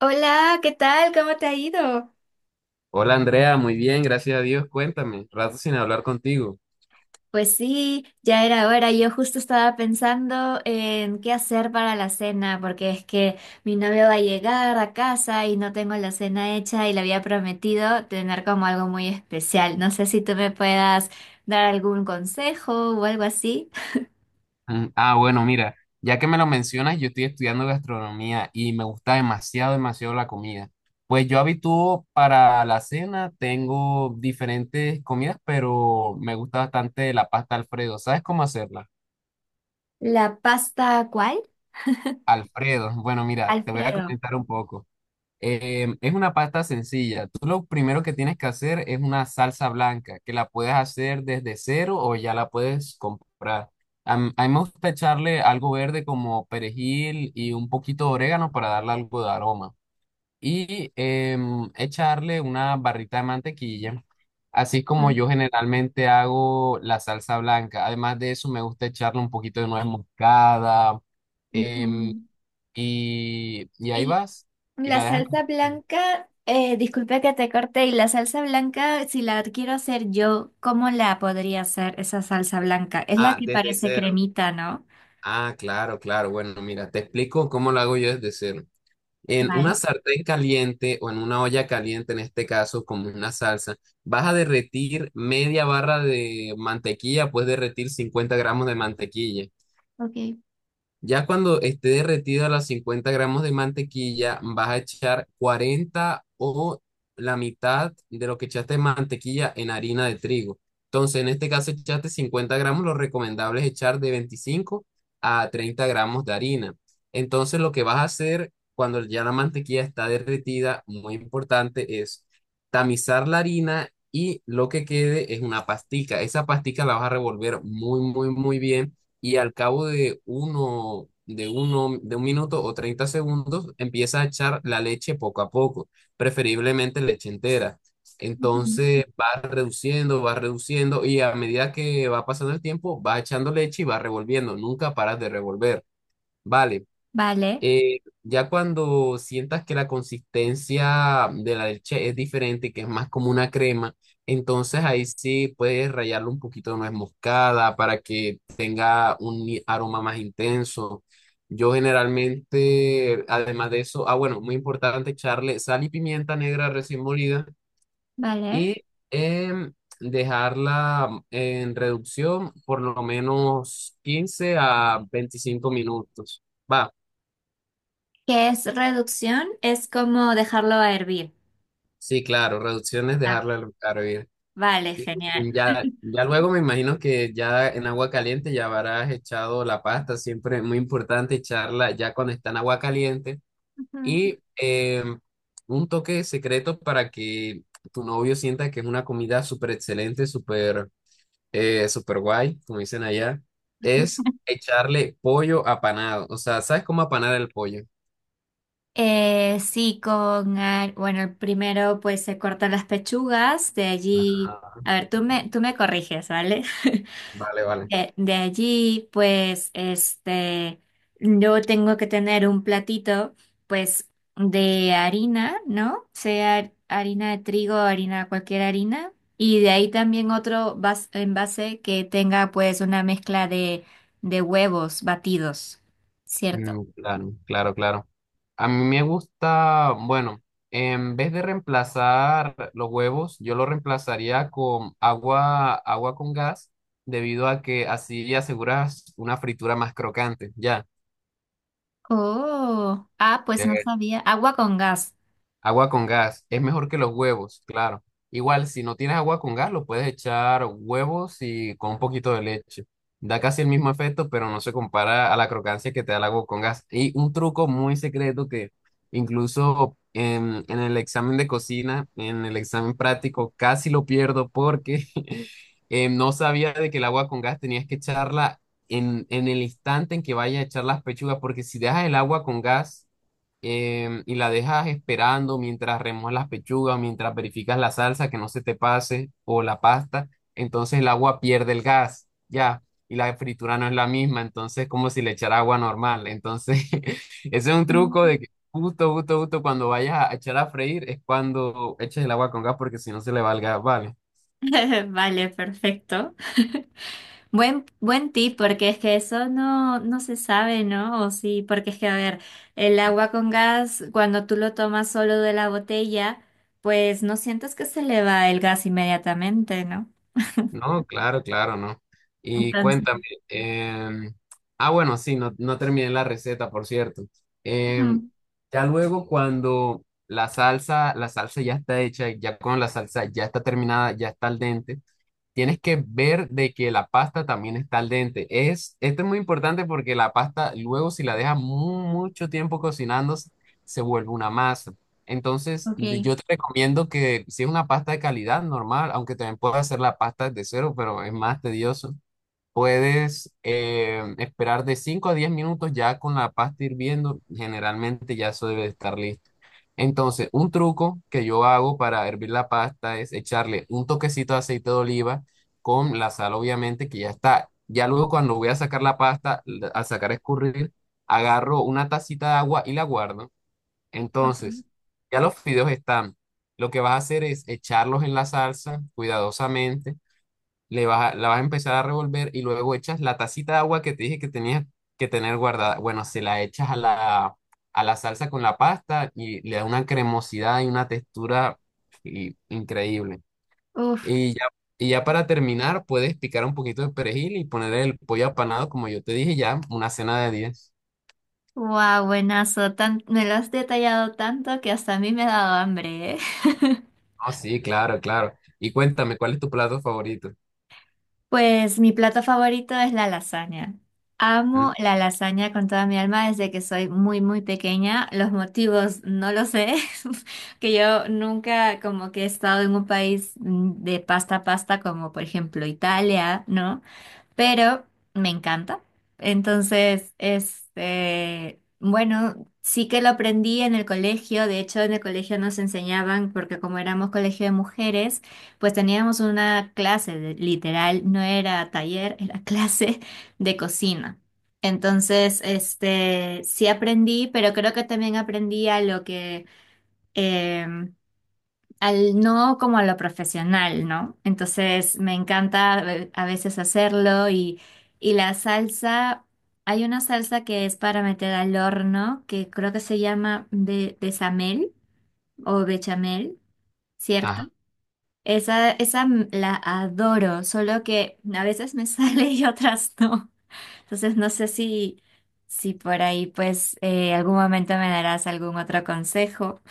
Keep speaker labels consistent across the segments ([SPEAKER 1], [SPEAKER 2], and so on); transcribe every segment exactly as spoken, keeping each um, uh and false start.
[SPEAKER 1] Hola, ¿qué tal? ¿Cómo te ha ido?
[SPEAKER 2] Hola Andrea, muy bien, gracias a Dios. Cuéntame, rato sin hablar contigo.
[SPEAKER 1] Pues sí, ya era hora. Yo justo estaba pensando en qué hacer para la cena, porque es que mi novio va a llegar a casa y no tengo la cena hecha y le había prometido tener como algo muy especial. No sé si tú me puedas dar algún consejo o algo así.
[SPEAKER 2] Mm, Ah, bueno, mira, ya que me lo mencionas, yo estoy estudiando gastronomía y me gusta demasiado, demasiado la comida. Pues yo habitúo para la cena, tengo diferentes comidas, pero me gusta bastante la pasta Alfredo. ¿Sabes cómo hacerla?
[SPEAKER 1] ¿La pasta cuál?
[SPEAKER 2] Alfredo, bueno, mira, te voy a
[SPEAKER 1] Alfredo.
[SPEAKER 2] comentar un poco. Eh, es una pasta sencilla. Tú lo primero que tienes que hacer es una salsa blanca, que la puedes hacer desde cero o ya la puedes comprar. A, m- a mí me gusta echarle algo verde como perejil y un poquito de orégano para darle algo de aroma. Y em, echarle una barrita de mantequilla, así como
[SPEAKER 1] Ujú.
[SPEAKER 2] yo generalmente hago la salsa blanca. Además de eso, me gusta echarle un poquito de nuez moscada. em,
[SPEAKER 1] Ujú.
[SPEAKER 2] y, y ahí
[SPEAKER 1] Y
[SPEAKER 2] vas y
[SPEAKER 1] la
[SPEAKER 2] la dejan.
[SPEAKER 1] salsa blanca, eh, disculpe que te corté y la salsa blanca, si la quiero hacer yo, ¿cómo la podría hacer esa salsa blanca? Es la
[SPEAKER 2] Ah,
[SPEAKER 1] que
[SPEAKER 2] desde
[SPEAKER 1] parece
[SPEAKER 2] cero.
[SPEAKER 1] cremita, ¿no?
[SPEAKER 2] Ah, claro, claro. Bueno, mira, te explico cómo lo hago yo desde cero. En una
[SPEAKER 1] Vale,
[SPEAKER 2] sartén caliente o en una olla caliente, en este caso, como una salsa, vas a derretir media barra de mantequilla, puedes derretir cincuenta gramos de mantequilla.
[SPEAKER 1] ok.
[SPEAKER 2] Ya cuando esté derretida las cincuenta gramos de mantequilla, vas a echar cuarenta o la mitad de lo que echaste de mantequilla en harina de trigo. Entonces, en este caso, echaste cincuenta gramos, lo recomendable es echar de veinticinco a treinta gramos de harina. Entonces, lo que vas a hacer cuando ya la mantequilla está derretida, muy importante, es tamizar la harina y lo que quede es una pastica. Esa pastica la vas a revolver muy, muy, muy bien y al cabo de uno, de uno, de un minuto o treinta segundos empieza a echar la leche poco a poco, preferiblemente leche entera.
[SPEAKER 1] Ujú.
[SPEAKER 2] Entonces va reduciendo, va reduciendo y a medida que va pasando el tiempo va echando leche y va revolviendo, nunca paras de revolver. Vale,
[SPEAKER 1] Vale,
[SPEAKER 2] eh, ya cuando sientas que la consistencia de la leche es diferente, que es más como una crema, entonces ahí sí puedes rallarle un poquito de nuez moscada para que tenga un i- aroma más intenso. Yo generalmente, además de eso, ah, bueno, muy importante echarle sal y pimienta negra recién molida
[SPEAKER 1] vale.
[SPEAKER 2] y em, dejarla en reducción por lo menos quince a veinticinco minutos. Va.
[SPEAKER 1] ¿Qué es reducción? Es como dejarlo a hervir.
[SPEAKER 2] Sí, claro, reducción es
[SPEAKER 1] Ah,
[SPEAKER 2] dejarla al- al hervir.
[SPEAKER 1] vale, genial.
[SPEAKER 2] Ya, ya luego me imagino que ya en agua caliente ya habrás echado la pasta, siempre muy importante echarla ya cuando está en agua caliente.
[SPEAKER 1] Ujú.
[SPEAKER 2] Y eh, un toque secreto para que tu novio sienta que es una comida súper excelente, súper eh, súper guay, como dicen allá, es echarle pollo apanado. O sea, ¿sabes cómo apanar el pollo?
[SPEAKER 1] Eh, sí, con, ar- bueno, primero pues se cortan las pechugas, de allí,
[SPEAKER 2] Ajá.
[SPEAKER 1] a ver, tú me, tú me corriges, ¿vale?
[SPEAKER 2] Vale, vale.
[SPEAKER 1] De, de allí, pues, este, yo tengo que tener un platito, pues, de harina, ¿no? Sea harina de trigo, harina, cualquier harina. Y de ahí también otro vas- envase que tenga, pues, una mezcla de, de huevos batidos, ¿cierto?
[SPEAKER 2] Mm, claro, claro, claro. A mí me gusta, bueno, en vez de reemplazar los huevos, yo lo reemplazaría con agua, agua con gas, debido a que así aseguras una fritura más crocante. Ya,
[SPEAKER 1] Oh, ah, pues no
[SPEAKER 2] te
[SPEAKER 1] sabía. Agua con gas.
[SPEAKER 2] Agua con gas es mejor que los huevos, claro. Igual, si no tienes agua con gas, lo puedes echar huevos y con un poquito de leche. Da casi el mismo efecto, pero no se compara a la crocancia que te da el agua con gas. Y un truco muy secreto que incluso en, en el examen de cocina, en el examen práctico, casi lo pierdo porque eh, no sabía de que el agua con gas tenías que echarla en, en el instante en que vaya a echar las pechugas, porque si dejas el agua con gas em, y la dejas esperando mientras remojas las pechugas, mientras verificas la salsa que no se te pase o la pasta, entonces el agua pierde el gas, ya, y la fritura no es la misma, entonces es como si le echara agua normal, entonces ese es un truco
[SPEAKER 1] Ah.
[SPEAKER 2] de que justo, justo, justo cuando vayas a echar a freír es cuando eches el agua con gas porque si no se le va el gas, ¿vale?
[SPEAKER 1] Vale, perfecto. Buen, buen tip, porque es que eso no, no se sabe, ¿no? O sí, porque es que, a ver, el agua con gas, cuando tú lo tomas solo de la botella, pues no sientes que se le va el gas inmediatamente, ¿no?
[SPEAKER 2] No, claro, claro, no. Y
[SPEAKER 1] Entonces,
[SPEAKER 2] cuéntame, em, ah, bueno, sí, no, no terminé la receta, por cierto. Em,
[SPEAKER 1] ujú,
[SPEAKER 2] ya luego cuando la salsa, la salsa ya está hecha, ya con la salsa ya está terminada, ya está al dente. Tienes que ver de que la pasta también está al dente. Es, esto es muy importante porque la pasta luego si la dejas mu- mucho tiempo cocinando se se vuelve una masa. Entonces de-
[SPEAKER 1] ok,
[SPEAKER 2] yo te recomiendo que si es una pasta de calidad normal, aunque también puedes hacer la pasta de cero, pero es más tedioso. Puedes eh, esperar de cinco a diez minutos ya con la pasta hirviendo. Generalmente ya eso debe de estar listo. Entonces, un truco que yo hago para hervir la pasta es echarle un toquecito de aceite de oliva con la sal, obviamente, que ya está. Ya luego cuando voy a sacar la pasta, la- al sacar a escurrir, agarro una tacita de agua y la guardo.
[SPEAKER 1] ok.
[SPEAKER 2] Entonces, ya los fideos están. Lo que vas a hacer es echarlos en la salsa cuidadosamente, le vas a- la vas a empezar a revolver y luego echas la tacita de agua que te dije que tenías que tener guardada. Bueno, se la echas a la, a la salsa con la pasta y le da una cremosidad y una textura i- increíble.
[SPEAKER 1] Uf,
[SPEAKER 2] Y ya, y ya para terminar, puedes picar un poquito de perejil y poner el pollo apanado, como yo te dije ya, una cena de diez.
[SPEAKER 1] wow, buenazo. Tan, me lo has detallado tanto que hasta a mí me ha dado hambre, ¿eh?
[SPEAKER 2] Oh, sí, claro, claro. Y cuéntame, ¿cuál es tu plato favorito?
[SPEAKER 1] Pues mi plato favorito es la lasaña.
[SPEAKER 2] Mm.
[SPEAKER 1] Amo la lasaña con toda mi alma desde que soy muy, muy pequeña. Los motivos no lo sé, que yo nunca como que he estado en un país mm, de pasta a pasta como por ejemplo Italia, ¿no? Pero me encanta. Entonces, este, bueno, sí que lo aprendí en el colegio. De hecho, en el colegio nos enseñaban, porque como éramos colegio de mujeres, pues teníamos una clase, de- literal, no era taller, era clase de cocina. Entonces, este, sí aprendí, pero creo que también aprendí a lo que em, al no como a lo profesional, ¿no? Entonces me encanta eh, a veces hacerlo y, y la salsa, hay una salsa que es para meter al horno, que creo que se llama be- bechamel o bechamel, ¿cierto?
[SPEAKER 2] Ajá.
[SPEAKER 1] Esa, esa m- la adoro, solo que a veces me sale y otras no. Entonces no sé si, si por ahí pues eh, algún momento me darás algún otro consejo.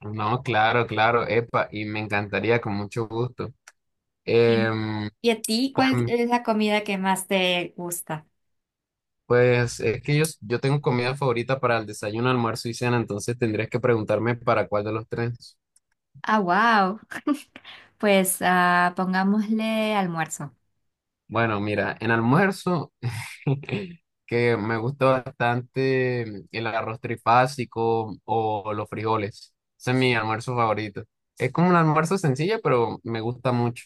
[SPEAKER 2] No, claro, claro, epa, y me encantaría con mucho gusto. Em,
[SPEAKER 1] ¿Y a ti
[SPEAKER 2] pues,
[SPEAKER 1] cuál es la comida que más te gusta?
[SPEAKER 2] Pues es que yo, yo tengo comida favorita para el desayuno, almuerzo y cena, entonces tendrías que preguntarme para cuál de los tres.
[SPEAKER 1] Ah, wow. Pues ah, pongámosle almuerzo.
[SPEAKER 2] Bueno, mira, en almuerzo, que me gusta bastante el arroz trifásico o los frijoles. Ese es mi almuerzo favorito. Es como un almuerzo sencillo, pero me gusta mucho.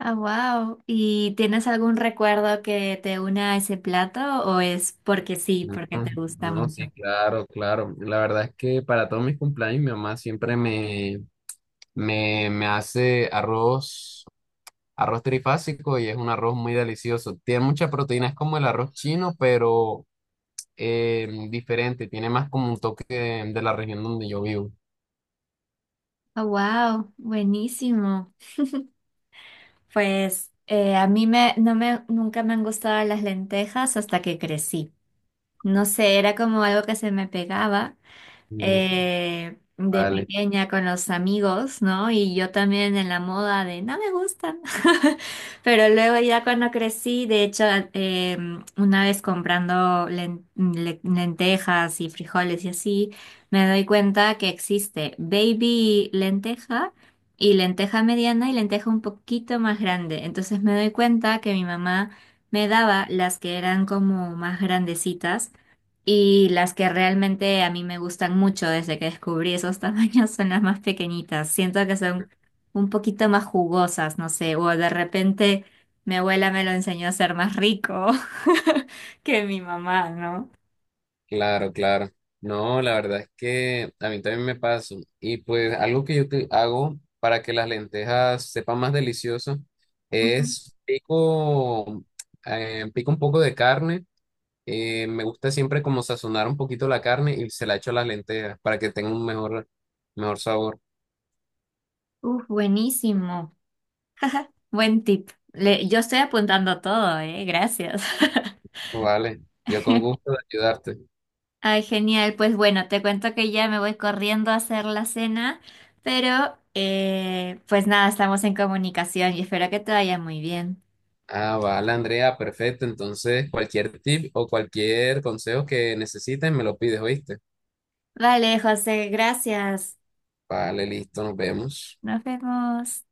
[SPEAKER 1] Ah, wow. ¿Y tienes algún recuerdo que te una a ese plato o es porque sí,
[SPEAKER 2] Ujú.
[SPEAKER 1] porque te gusta
[SPEAKER 2] No, sí,
[SPEAKER 1] mucho?
[SPEAKER 2] claro, claro. La verdad es que para todos mis cumpleaños mi mamá siempre me, me, me hace arroz. Arroz trifásico y es un arroz muy delicioso. Tiene mucha proteína, es como el arroz chino, pero eh, diferente. Tiene más como un toque de, de la región donde yo vivo.
[SPEAKER 1] Ah, wow. Buenísimo. Pues eh, a mí me, no me, nunca me han gustado las lentejas hasta que crecí. No sé, era como algo que se me pegaba.
[SPEAKER 2] Mm,
[SPEAKER 1] eh, de
[SPEAKER 2] vale,
[SPEAKER 1] pequeña con los amigos, ¿no? Y yo también en la moda de no me gustan. Pero luego ya cuando crecí, de hecho, eh, una vez comprando len- le- lentejas y frijoles y así, me doy cuenta que existe baby lenteja. Y lenteja mediana y lenteja un poquito más grande. Entonces me doy cuenta que mi mamá me daba las que eran como más grandecitas y las que realmente a mí me gustan mucho desde que descubrí esos tamaños son las más pequeñitas. Siento que son un poquito más jugosas, no sé, o de repente mi abuela me lo enseñó a ser más rico que mi mamá, ¿no?
[SPEAKER 2] claro, claro. No, la verdad es que a mí también me pasa. Y pues algo que yo te- hago para que las lentejas sepan más delicioso
[SPEAKER 1] Ujú.
[SPEAKER 2] es pico, eh, pico un poco de carne. Eh, me gusta siempre como sazonar un poquito la carne y se la echo a las lentejas para que tenga un mejor, mejor sabor.
[SPEAKER 1] Uf, buenísimo. Buen tip. Le- yo estoy apuntando todo, ¿eh? Gracias.
[SPEAKER 2] Vale, yo con gusto de ayudarte.
[SPEAKER 1] Ay, genial. Pues bueno, te cuento que ya me voy corriendo a hacer la cena, pero eh, pues nada, estamos en comunicación y espero que te vaya muy bien.
[SPEAKER 2] Ah, vale, Andrea, perfecto. Entonces, cualquier tip o cualquier consejo que necesites, me lo pides, ¿oíste?
[SPEAKER 1] Vale, José, gracias.
[SPEAKER 2] Vale, listo, nos vemos.
[SPEAKER 1] Nos vemos.